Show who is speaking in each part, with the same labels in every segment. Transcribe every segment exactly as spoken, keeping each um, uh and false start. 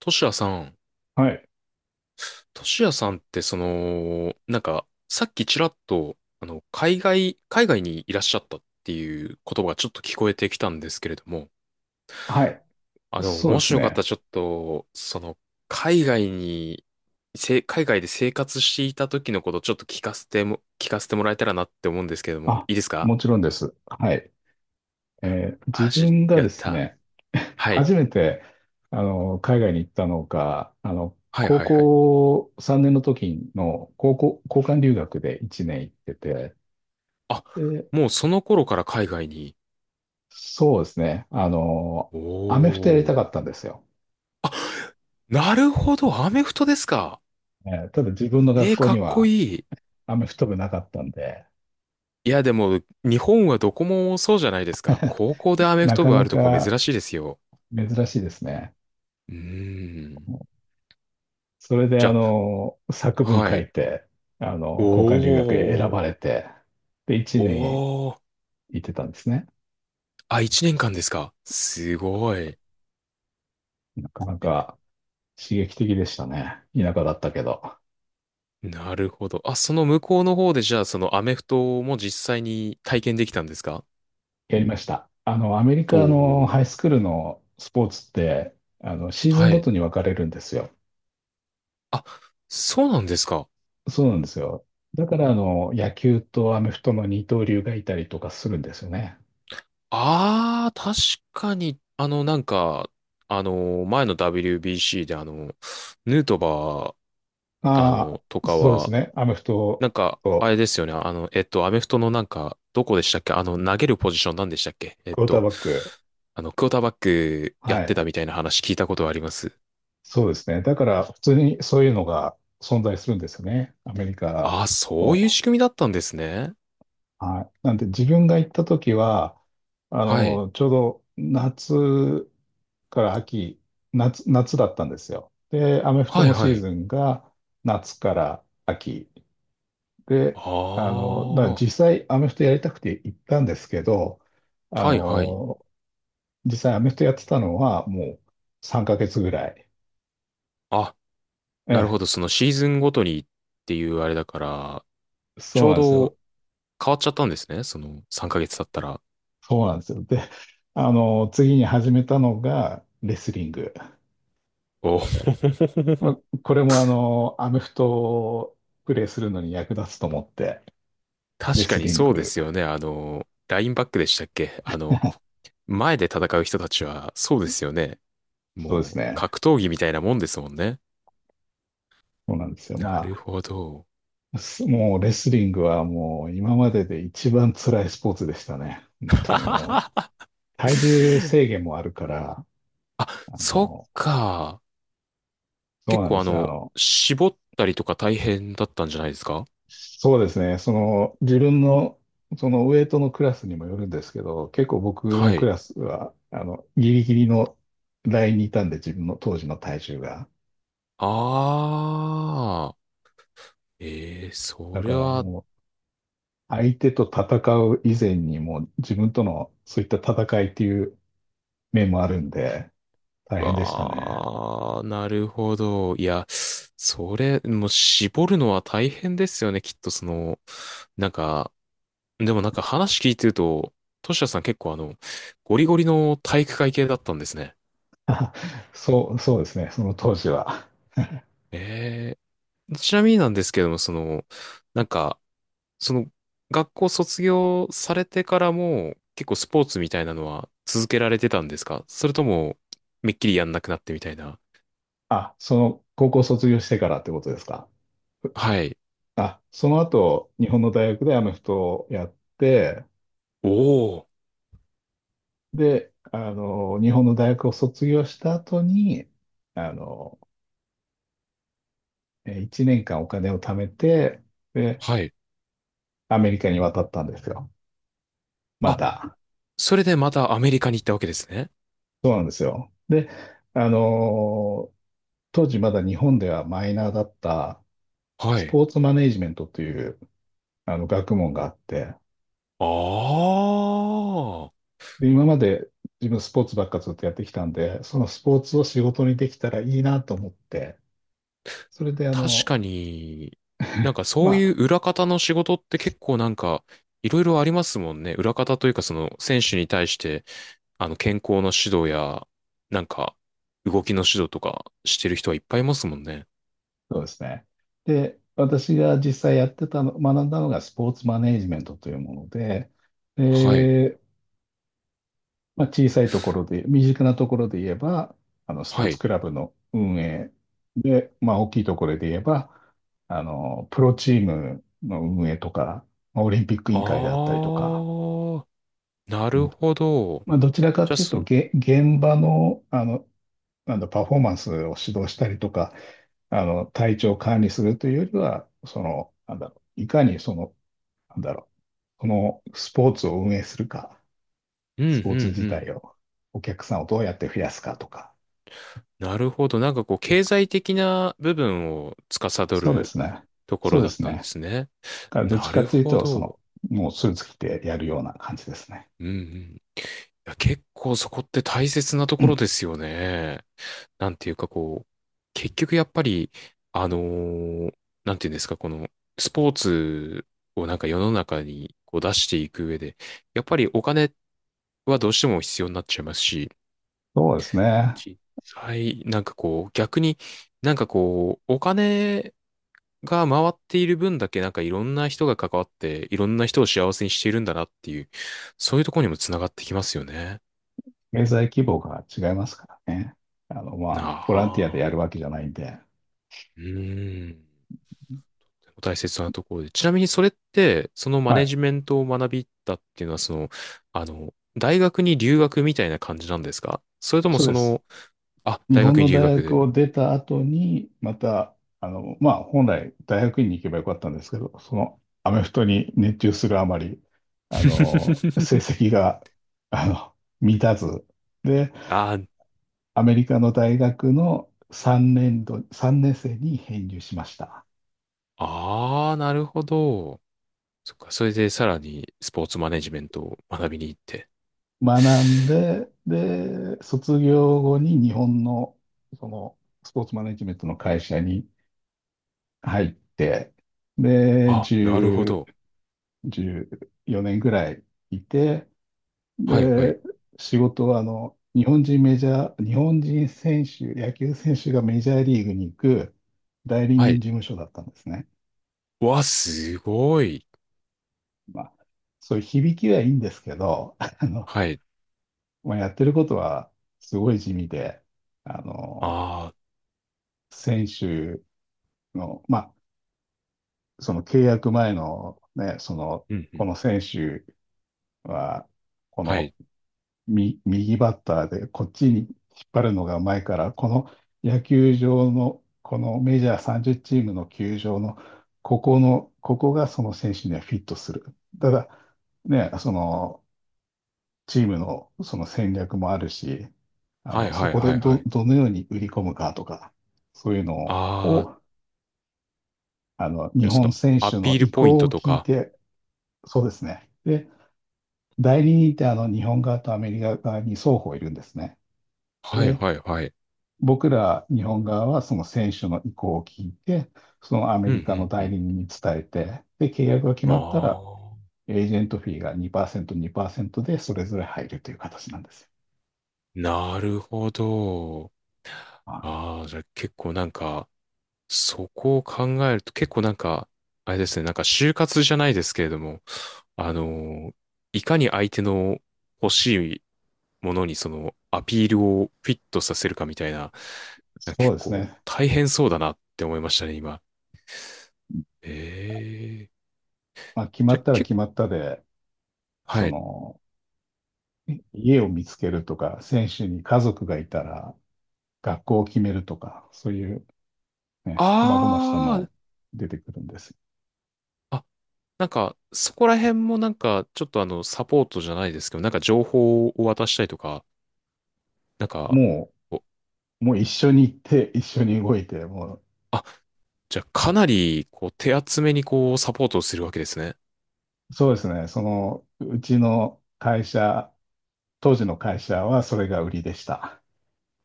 Speaker 1: トシヤさん、
Speaker 2: はい。
Speaker 1: トシヤさんってその、なんか、さっきちらっと、あの、海外、海外にいらっしゃったっていう言葉がちょっと聞こえてきたんですけれども、
Speaker 2: はい。
Speaker 1: あの、
Speaker 2: そう
Speaker 1: も
Speaker 2: で
Speaker 1: し
Speaker 2: す
Speaker 1: よかった
Speaker 2: ね。
Speaker 1: らちょっと、その、海外に、せ、海外で生活していた時のことをちょっと聞かせても、聞かせてもらえたらなって思うんですけれども、
Speaker 2: あ、
Speaker 1: いいですか？
Speaker 2: もちろんです。はい。えー自
Speaker 1: あ、し、
Speaker 2: 分が
Speaker 1: や
Speaker 2: で
Speaker 1: っ
Speaker 2: す
Speaker 1: た。
Speaker 2: ね、
Speaker 1: はい。
Speaker 2: 初めて、あの、海外に行ったのが、あの、
Speaker 1: はい
Speaker 2: 高
Speaker 1: はいはい。
Speaker 2: 校さんねんの時の高校、交換留学でいちねん行ってて、
Speaker 1: あ、
Speaker 2: で、
Speaker 1: もうその頃から海外に。
Speaker 2: そうですね。あの、
Speaker 1: お
Speaker 2: アメフトやりたかっ
Speaker 1: ー。
Speaker 2: たんですよ。
Speaker 1: あ、なるほど、アメフトですか。
Speaker 2: えーただ自分の学
Speaker 1: えー、
Speaker 2: 校
Speaker 1: か
Speaker 2: に
Speaker 1: っこ
Speaker 2: は
Speaker 1: いい。
Speaker 2: アメフト部なかったんで、
Speaker 1: いや、でも、日本はどこもそうじゃないですか。高校でアメフ
Speaker 2: な
Speaker 1: ト
Speaker 2: か
Speaker 1: 部あ
Speaker 2: な
Speaker 1: るとこ
Speaker 2: か
Speaker 1: 珍しいですよ。
Speaker 2: 珍しいですね。
Speaker 1: うーん。
Speaker 2: それで、
Speaker 1: じ
Speaker 2: あ
Speaker 1: ゃ
Speaker 2: の、
Speaker 1: あ、
Speaker 2: 作文
Speaker 1: は
Speaker 2: 書
Speaker 1: い。
Speaker 2: いて、あ
Speaker 1: お
Speaker 2: の、交換留学へ選ば
Speaker 1: ー、
Speaker 2: れて、で、1
Speaker 1: おー。
Speaker 2: 年行ってたんですね。
Speaker 1: あ、一年間ですか。すごい。
Speaker 2: なかなか刺激的でしたね。田舎だったけど、
Speaker 1: なるほど。あ、その向こうの方で、じゃあ、そのアメフトも実際に体験できたんですか？
Speaker 2: やりました。あの、アメリ
Speaker 1: お
Speaker 2: カの
Speaker 1: ー。
Speaker 2: ハイスクールのスポーツって、あの、シーズン
Speaker 1: は
Speaker 2: ご
Speaker 1: い。
Speaker 2: とに分かれるんですよ。
Speaker 1: あ、そうなんですか。
Speaker 2: そうなんですよ。だから、あの、野球とアメフトの二刀流がいたりとかするんですよね。
Speaker 1: ああ、確かに、あの、なんか、あの、前の ダブリュービーシー で、あの、ヌートバー、あ
Speaker 2: あ
Speaker 1: の、と
Speaker 2: あ、
Speaker 1: か
Speaker 2: そうです
Speaker 1: は、
Speaker 2: ね。アメフト
Speaker 1: なんか、あれ
Speaker 2: と、
Speaker 1: ですよね、あの、えっと、アメフトのなんか、どこでしたっけ？あの、投げるポジションなんでしたっけ？えっ
Speaker 2: クォーター
Speaker 1: と、
Speaker 2: バック。
Speaker 1: あの、クォーターバックや
Speaker 2: は
Speaker 1: って
Speaker 2: い。
Speaker 1: たみたいな話聞いたことがあります。
Speaker 2: そうですね。だから、普通にそういうのが存在するんですよね。アメリカ
Speaker 1: ああ、そういう
Speaker 2: の。
Speaker 1: 仕組みだったんですね。
Speaker 2: はい。なんで、自分が行った時は、あ
Speaker 1: はい。
Speaker 2: の、ちょうど夏から秋、夏、夏だったんですよ。で、アメフト
Speaker 1: はい
Speaker 2: の
Speaker 1: は
Speaker 2: シー
Speaker 1: い。
Speaker 2: ズンが夏から秋。で、
Speaker 1: ああ、
Speaker 2: あの、だから
Speaker 1: は
Speaker 2: 実際アメフトやりたくて行ったんですけど、あ
Speaker 1: いはい。
Speaker 2: の、実際アメフトやってたのはもうさんかげつぐらい。
Speaker 1: あ、
Speaker 2: え
Speaker 1: なる
Speaker 2: え、
Speaker 1: ほど、そのシーズンごとにっていうあれだから、ち
Speaker 2: そう
Speaker 1: ょう
Speaker 2: なんです
Speaker 1: ど
Speaker 2: よ。
Speaker 1: 変わっちゃったんですね、そのさんかげつ経ったら。
Speaker 2: そうなんですよ。で、あの、次に始めたのがレスリング。
Speaker 1: お
Speaker 2: ま
Speaker 1: ー。
Speaker 2: あ、これもあの、アメフトをプレイするのに役立つと思って、レ
Speaker 1: 確か
Speaker 2: ス
Speaker 1: に
Speaker 2: リン
Speaker 1: そうで
Speaker 2: グ。
Speaker 1: すよね、あの、ラインバックでしたっけ？あの、前で戦う人たちは、そうですよね。
Speaker 2: そうです
Speaker 1: もう、
Speaker 2: ね。
Speaker 1: 格闘技みたいなもんですもんね。
Speaker 2: そうなんですよ。
Speaker 1: な
Speaker 2: ま
Speaker 1: るほど。
Speaker 2: あ、すもうレスリングはもう今までで一番辛いスポーツでしたね。本 当にもう、体重制限もあるから、
Speaker 1: あ、
Speaker 2: あ
Speaker 1: そっ
Speaker 2: の、
Speaker 1: か。
Speaker 2: そう
Speaker 1: 結
Speaker 2: なんで
Speaker 1: 構あ
Speaker 2: すよ。あ
Speaker 1: の、
Speaker 2: の、
Speaker 1: 絞ったりとか大変だったんじゃないですか？
Speaker 2: そうですね。その、自分の、そのウエイトのクラスにもよるんですけど、結構僕
Speaker 1: は
Speaker 2: のク
Speaker 1: い。
Speaker 2: ラスは、あの、ギリギリのラインにいたんで、自分の当時の体重が。
Speaker 1: ああ。ええ、そ
Speaker 2: だ
Speaker 1: れ
Speaker 2: から
Speaker 1: は、
Speaker 2: もう、相手と戦う以前にもう、自分とのそういった戦いっていう面もあるんで、大変でしたね。
Speaker 1: わあ、なるほど。いや、それ、もう絞るのは大変ですよね、きっとその、なんか、でもなんか話聞いてると、トシヤさん結構あの、ゴリゴリの体育会系だったんですね。
Speaker 2: あそう、そうですね。その当時は。
Speaker 1: ええ、ちなみになんですけども、その、なんか、その、学校卒業されてからも、結構スポーツみたいなのは続けられてたんですか？それとも、めっきりやんなくなってみたいな。
Speaker 2: あ、その、高校卒業してからってことですか？
Speaker 1: はい。
Speaker 2: あ、その後、日本の大学でアメフトをやって、
Speaker 1: おお。
Speaker 2: で、あの、日本の大学を卒業した後に、あの、えーいちねんかんお金を貯めて、で、
Speaker 1: はい。
Speaker 2: アメリカに渡ったんですよ。ま
Speaker 1: あ、
Speaker 2: た。
Speaker 1: それでまたアメリカに行ったわけですね。
Speaker 2: そうなんですよ。で、あの、当時まだ日本ではマイナーだった
Speaker 1: は
Speaker 2: ス
Speaker 1: い。
Speaker 2: ポーツマネージメントというあの学問があって、
Speaker 1: ああ、
Speaker 2: で、今まで自分スポーツばっかずっとやってきたんで、そのスポーツを仕事にできたらいいなと思って、それであ
Speaker 1: 確
Speaker 2: の、
Speaker 1: かに、なんか
Speaker 2: ま
Speaker 1: そういう
Speaker 2: あ、
Speaker 1: 裏方の仕事って結構なんかいろいろありますもんね。裏方というかその選手に対して、あの健康の指導や、なんか動きの指導とかしてる人はいっぱいいますもんね。
Speaker 2: そうですね。で、私が実際やってたの、学んだのがスポーツマネージメントというもので、
Speaker 1: はい。
Speaker 2: で、まあ、小さいところで、身近なところで言えば、あの、スポー
Speaker 1: は
Speaker 2: ツ
Speaker 1: い。
Speaker 2: クラブの運営で、まあ、大きいところで言えば、あの、プロチームの運営とか、まあオリンピック委員会であったりとか、
Speaker 1: ああ、な
Speaker 2: う
Speaker 1: る
Speaker 2: ん、
Speaker 1: ほど。
Speaker 2: まあ、どちらか
Speaker 1: じゃあ、
Speaker 2: という
Speaker 1: そ、う
Speaker 2: と、
Speaker 1: ん、
Speaker 2: げ、現場の、あの、なんだ、パフォーマンスを指導したりとか、あの、体調を管理するというよりは、その、なんだろう、いかにその、なんだろう、このスポーツを運営するか、
Speaker 1: うん、う
Speaker 2: スポーツ自
Speaker 1: ん。
Speaker 2: 体を、お客さんをどうやって増やすかとか。
Speaker 1: なるほど。なんかこう、経済的な部分を司
Speaker 2: そうで
Speaker 1: る
Speaker 2: すね。
Speaker 1: とこ
Speaker 2: そ
Speaker 1: ろ
Speaker 2: うで
Speaker 1: だっ
Speaker 2: す
Speaker 1: たんで
Speaker 2: ね。
Speaker 1: すね。
Speaker 2: だからどっち
Speaker 1: な
Speaker 2: か
Speaker 1: る
Speaker 2: という
Speaker 1: ほ
Speaker 2: と、そ
Speaker 1: ど。
Speaker 2: の、もうスーツ着てやるような感じですね。
Speaker 1: うんうん。いや、結構そこって大切なところですよね。なんていうかこう、結局やっぱり、あのーなんていうんですか、このスポーツをなんか世の中にこう出していく上で、やっぱりお金はどうしても必要になっちゃいますし、
Speaker 2: そうですね。
Speaker 1: 実際、なんかこう、逆になんかこう、お金が回っている分だけなんかいろんな人が関わっていろんな人を幸せにしているんだなっていう、そういうところにもつながってきますよね。
Speaker 2: 経済規模が違いますからね。あの、ま
Speaker 1: な
Speaker 2: あ、ボランティアで
Speaker 1: あ、
Speaker 2: やるわけじゃないんで。
Speaker 1: うーん。とても大切なところで。ちなみにそれって、そのマ
Speaker 2: は
Speaker 1: ネ
Speaker 2: い。
Speaker 1: ジメントを学びたっていうのは、その、あの、大学に留学みたいな感じなんですか？それとも
Speaker 2: そう
Speaker 1: そ
Speaker 2: です。
Speaker 1: の、あ、
Speaker 2: 日
Speaker 1: 大
Speaker 2: 本
Speaker 1: 学に
Speaker 2: の
Speaker 1: 留
Speaker 2: 大
Speaker 1: 学
Speaker 2: 学
Speaker 1: で。
Speaker 2: を出た後に、また、あの、まあ、本来大学院に行けばよかったんですけど、そのアメフトに熱中するあまり、あの、成 績が、あの、満たず、で、
Speaker 1: あー、
Speaker 2: アメリカの大学のさんねん度、さんねん生に編入しました。
Speaker 1: あー、なるほど。そっか、それでさらにスポーツマネジメントを学びに行って。
Speaker 2: 学んで、で、卒業後に日本の、その、スポーツマネジメントの会社に入って、で、
Speaker 1: あ、
Speaker 2: じ
Speaker 1: なるほ
Speaker 2: ゅ
Speaker 1: ど。
Speaker 2: うじゅうよねんぐらいいて、
Speaker 1: はいはい。
Speaker 2: で、仕事はあの、日本人メジャー、日本人選手、野球選手がメジャーリーグに行く代理
Speaker 1: は
Speaker 2: 人
Speaker 1: い。
Speaker 2: 事務所だったんですね。
Speaker 1: わ、すごい。
Speaker 2: まあ、そういう響きはいいんですけど、あの、
Speaker 1: はい。
Speaker 2: まあ、やってることはすごい地味で、あの、
Speaker 1: あ
Speaker 2: 選手の、まあ、その契約前のね、その、
Speaker 1: ー、うんう
Speaker 2: こ
Speaker 1: ん。
Speaker 2: の選手は
Speaker 1: はい。
Speaker 2: み右バッターでこっちに引っ張るのがうまいから、この野球場の、このメジャーさんじゅうチームの球場の、ここの、ここがその選手にはフィットする。ただ、ね、そのチームのその戦略もあるし、あ
Speaker 1: はい
Speaker 2: の、そ
Speaker 1: はい
Speaker 2: こで
Speaker 1: はいは
Speaker 2: ど、
Speaker 1: い。
Speaker 2: どのように売り込むかとか、そういうの
Speaker 1: あー、
Speaker 2: を、
Speaker 1: い
Speaker 2: あの、日
Speaker 1: やそ
Speaker 2: 本
Speaker 1: の、
Speaker 2: 選
Speaker 1: ア
Speaker 2: 手の
Speaker 1: ピール
Speaker 2: 意
Speaker 1: ポイン
Speaker 2: 向
Speaker 1: ト
Speaker 2: を
Speaker 1: と
Speaker 2: 聞い
Speaker 1: か。
Speaker 2: て、そうですね。で、代理人ってあの、日本側とアメリカ側に双方いるんですね。
Speaker 1: はい
Speaker 2: で
Speaker 1: はいはい。
Speaker 2: 僕ら日本側はその選手の意向を聞いて、そのアメ
Speaker 1: うんう
Speaker 2: リカの
Speaker 1: んう
Speaker 2: 代
Speaker 1: ん。
Speaker 2: 理人に伝えて、で、契約が決まったら、
Speaker 1: あ
Speaker 2: エージェントフィーがにパーセント、にパーセントでそれぞれ入るという形なんですよ。
Speaker 1: ー、なるほど。
Speaker 2: まあ、
Speaker 1: あー、じゃあ結構なんか、そこを考えると結構なんか、あれですね、なんか就活じゃないですけれども、あの、いかに相手の欲しいものにそのアピールをフィットさせるかみたいな、なんか
Speaker 2: そう
Speaker 1: 結
Speaker 2: です
Speaker 1: 構
Speaker 2: ね。
Speaker 1: 大変そうだなって思いましたね、今。ええ、
Speaker 2: まあ、決ま
Speaker 1: じゃ
Speaker 2: っ
Speaker 1: あ、
Speaker 2: たら
Speaker 1: け、
Speaker 2: 決まったで、
Speaker 1: は
Speaker 2: そ
Speaker 1: い。
Speaker 2: の、家を見つけるとか、選手に家族がいたら、学校を決めるとか、そういうね、
Speaker 1: あ
Speaker 2: 細々したの出てくるんです。
Speaker 1: あ、あ、なんか、そこら辺もなんか、ちょっとあの、サポートじゃないですけど、なんか情報を渡したりとか、なんか、
Speaker 2: も
Speaker 1: お、
Speaker 2: う、もう一緒に行って、一緒に動いて、も
Speaker 1: あ、じゃあ、かなり、こう、手厚めにこう、サポートをするわけですね。
Speaker 2: そうですね。その、うちの会社、当時の会社はそれが売りでした。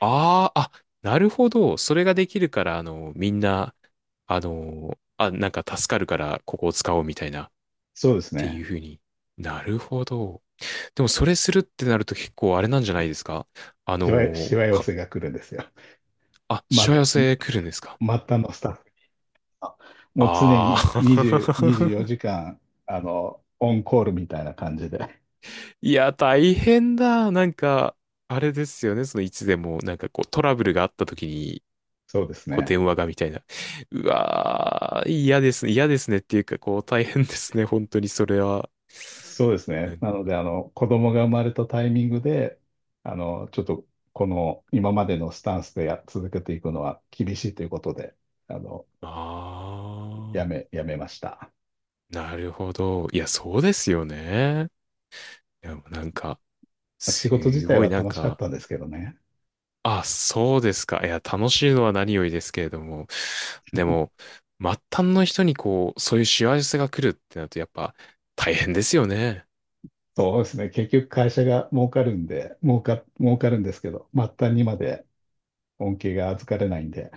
Speaker 1: ああ、あ、なるほど。それができるから、あの、みんな、あの、あ、なんか助かるから、ここを使おうみたいな、っ
Speaker 2: そうです
Speaker 1: ていう
Speaker 2: ね。
Speaker 1: ふうに。なるほど。でも、それするってなると結構あれなんじゃないですか？あ
Speaker 2: しわ、し
Speaker 1: の、
Speaker 2: わ寄せが来るんですよ。
Speaker 1: あ、し
Speaker 2: ま、
Speaker 1: わ寄せ来るんですか？
Speaker 2: 末端のスタッフが。もう常
Speaker 1: あ
Speaker 2: ににじゅう、24
Speaker 1: あ。
Speaker 2: 時間、あの、オンコールみたいな感じで。
Speaker 1: いや、大変だ。なんか、あれですよね。その、いつでも、なんかこう、トラブルがあった時に、
Speaker 2: そうです
Speaker 1: こう
Speaker 2: ね。
Speaker 1: 電話がみたいな。うわー、嫌ですね。嫌ですねっていうか、こう大変ですね。本当にそれは。
Speaker 2: そうです
Speaker 1: う
Speaker 2: ね。
Speaker 1: ん、
Speaker 2: なので、あの、子供が生まれたタイミングで、あの、ちょっと、この、今までのスタンスでや、続けていくのは厳しいということで、あの、
Speaker 1: あ
Speaker 2: や
Speaker 1: ー、
Speaker 2: め、やめました。
Speaker 1: なるほど。いや、そうですよね。いや、もうなんか、
Speaker 2: 仕事自
Speaker 1: す
Speaker 2: 体
Speaker 1: ごい
Speaker 2: は
Speaker 1: なん
Speaker 2: 楽しかっ
Speaker 1: か、
Speaker 2: たんですけどね。
Speaker 1: あ、そうですか。いや、楽しいのは何よりですけれども。でも、末端の人にこう、そういう幸せが来るってなると、やっぱ、大変ですよね。
Speaker 2: そうですね。結局会社が儲かるんで、儲か、儲かるんですけど、末端にまで恩恵が預かれないんで、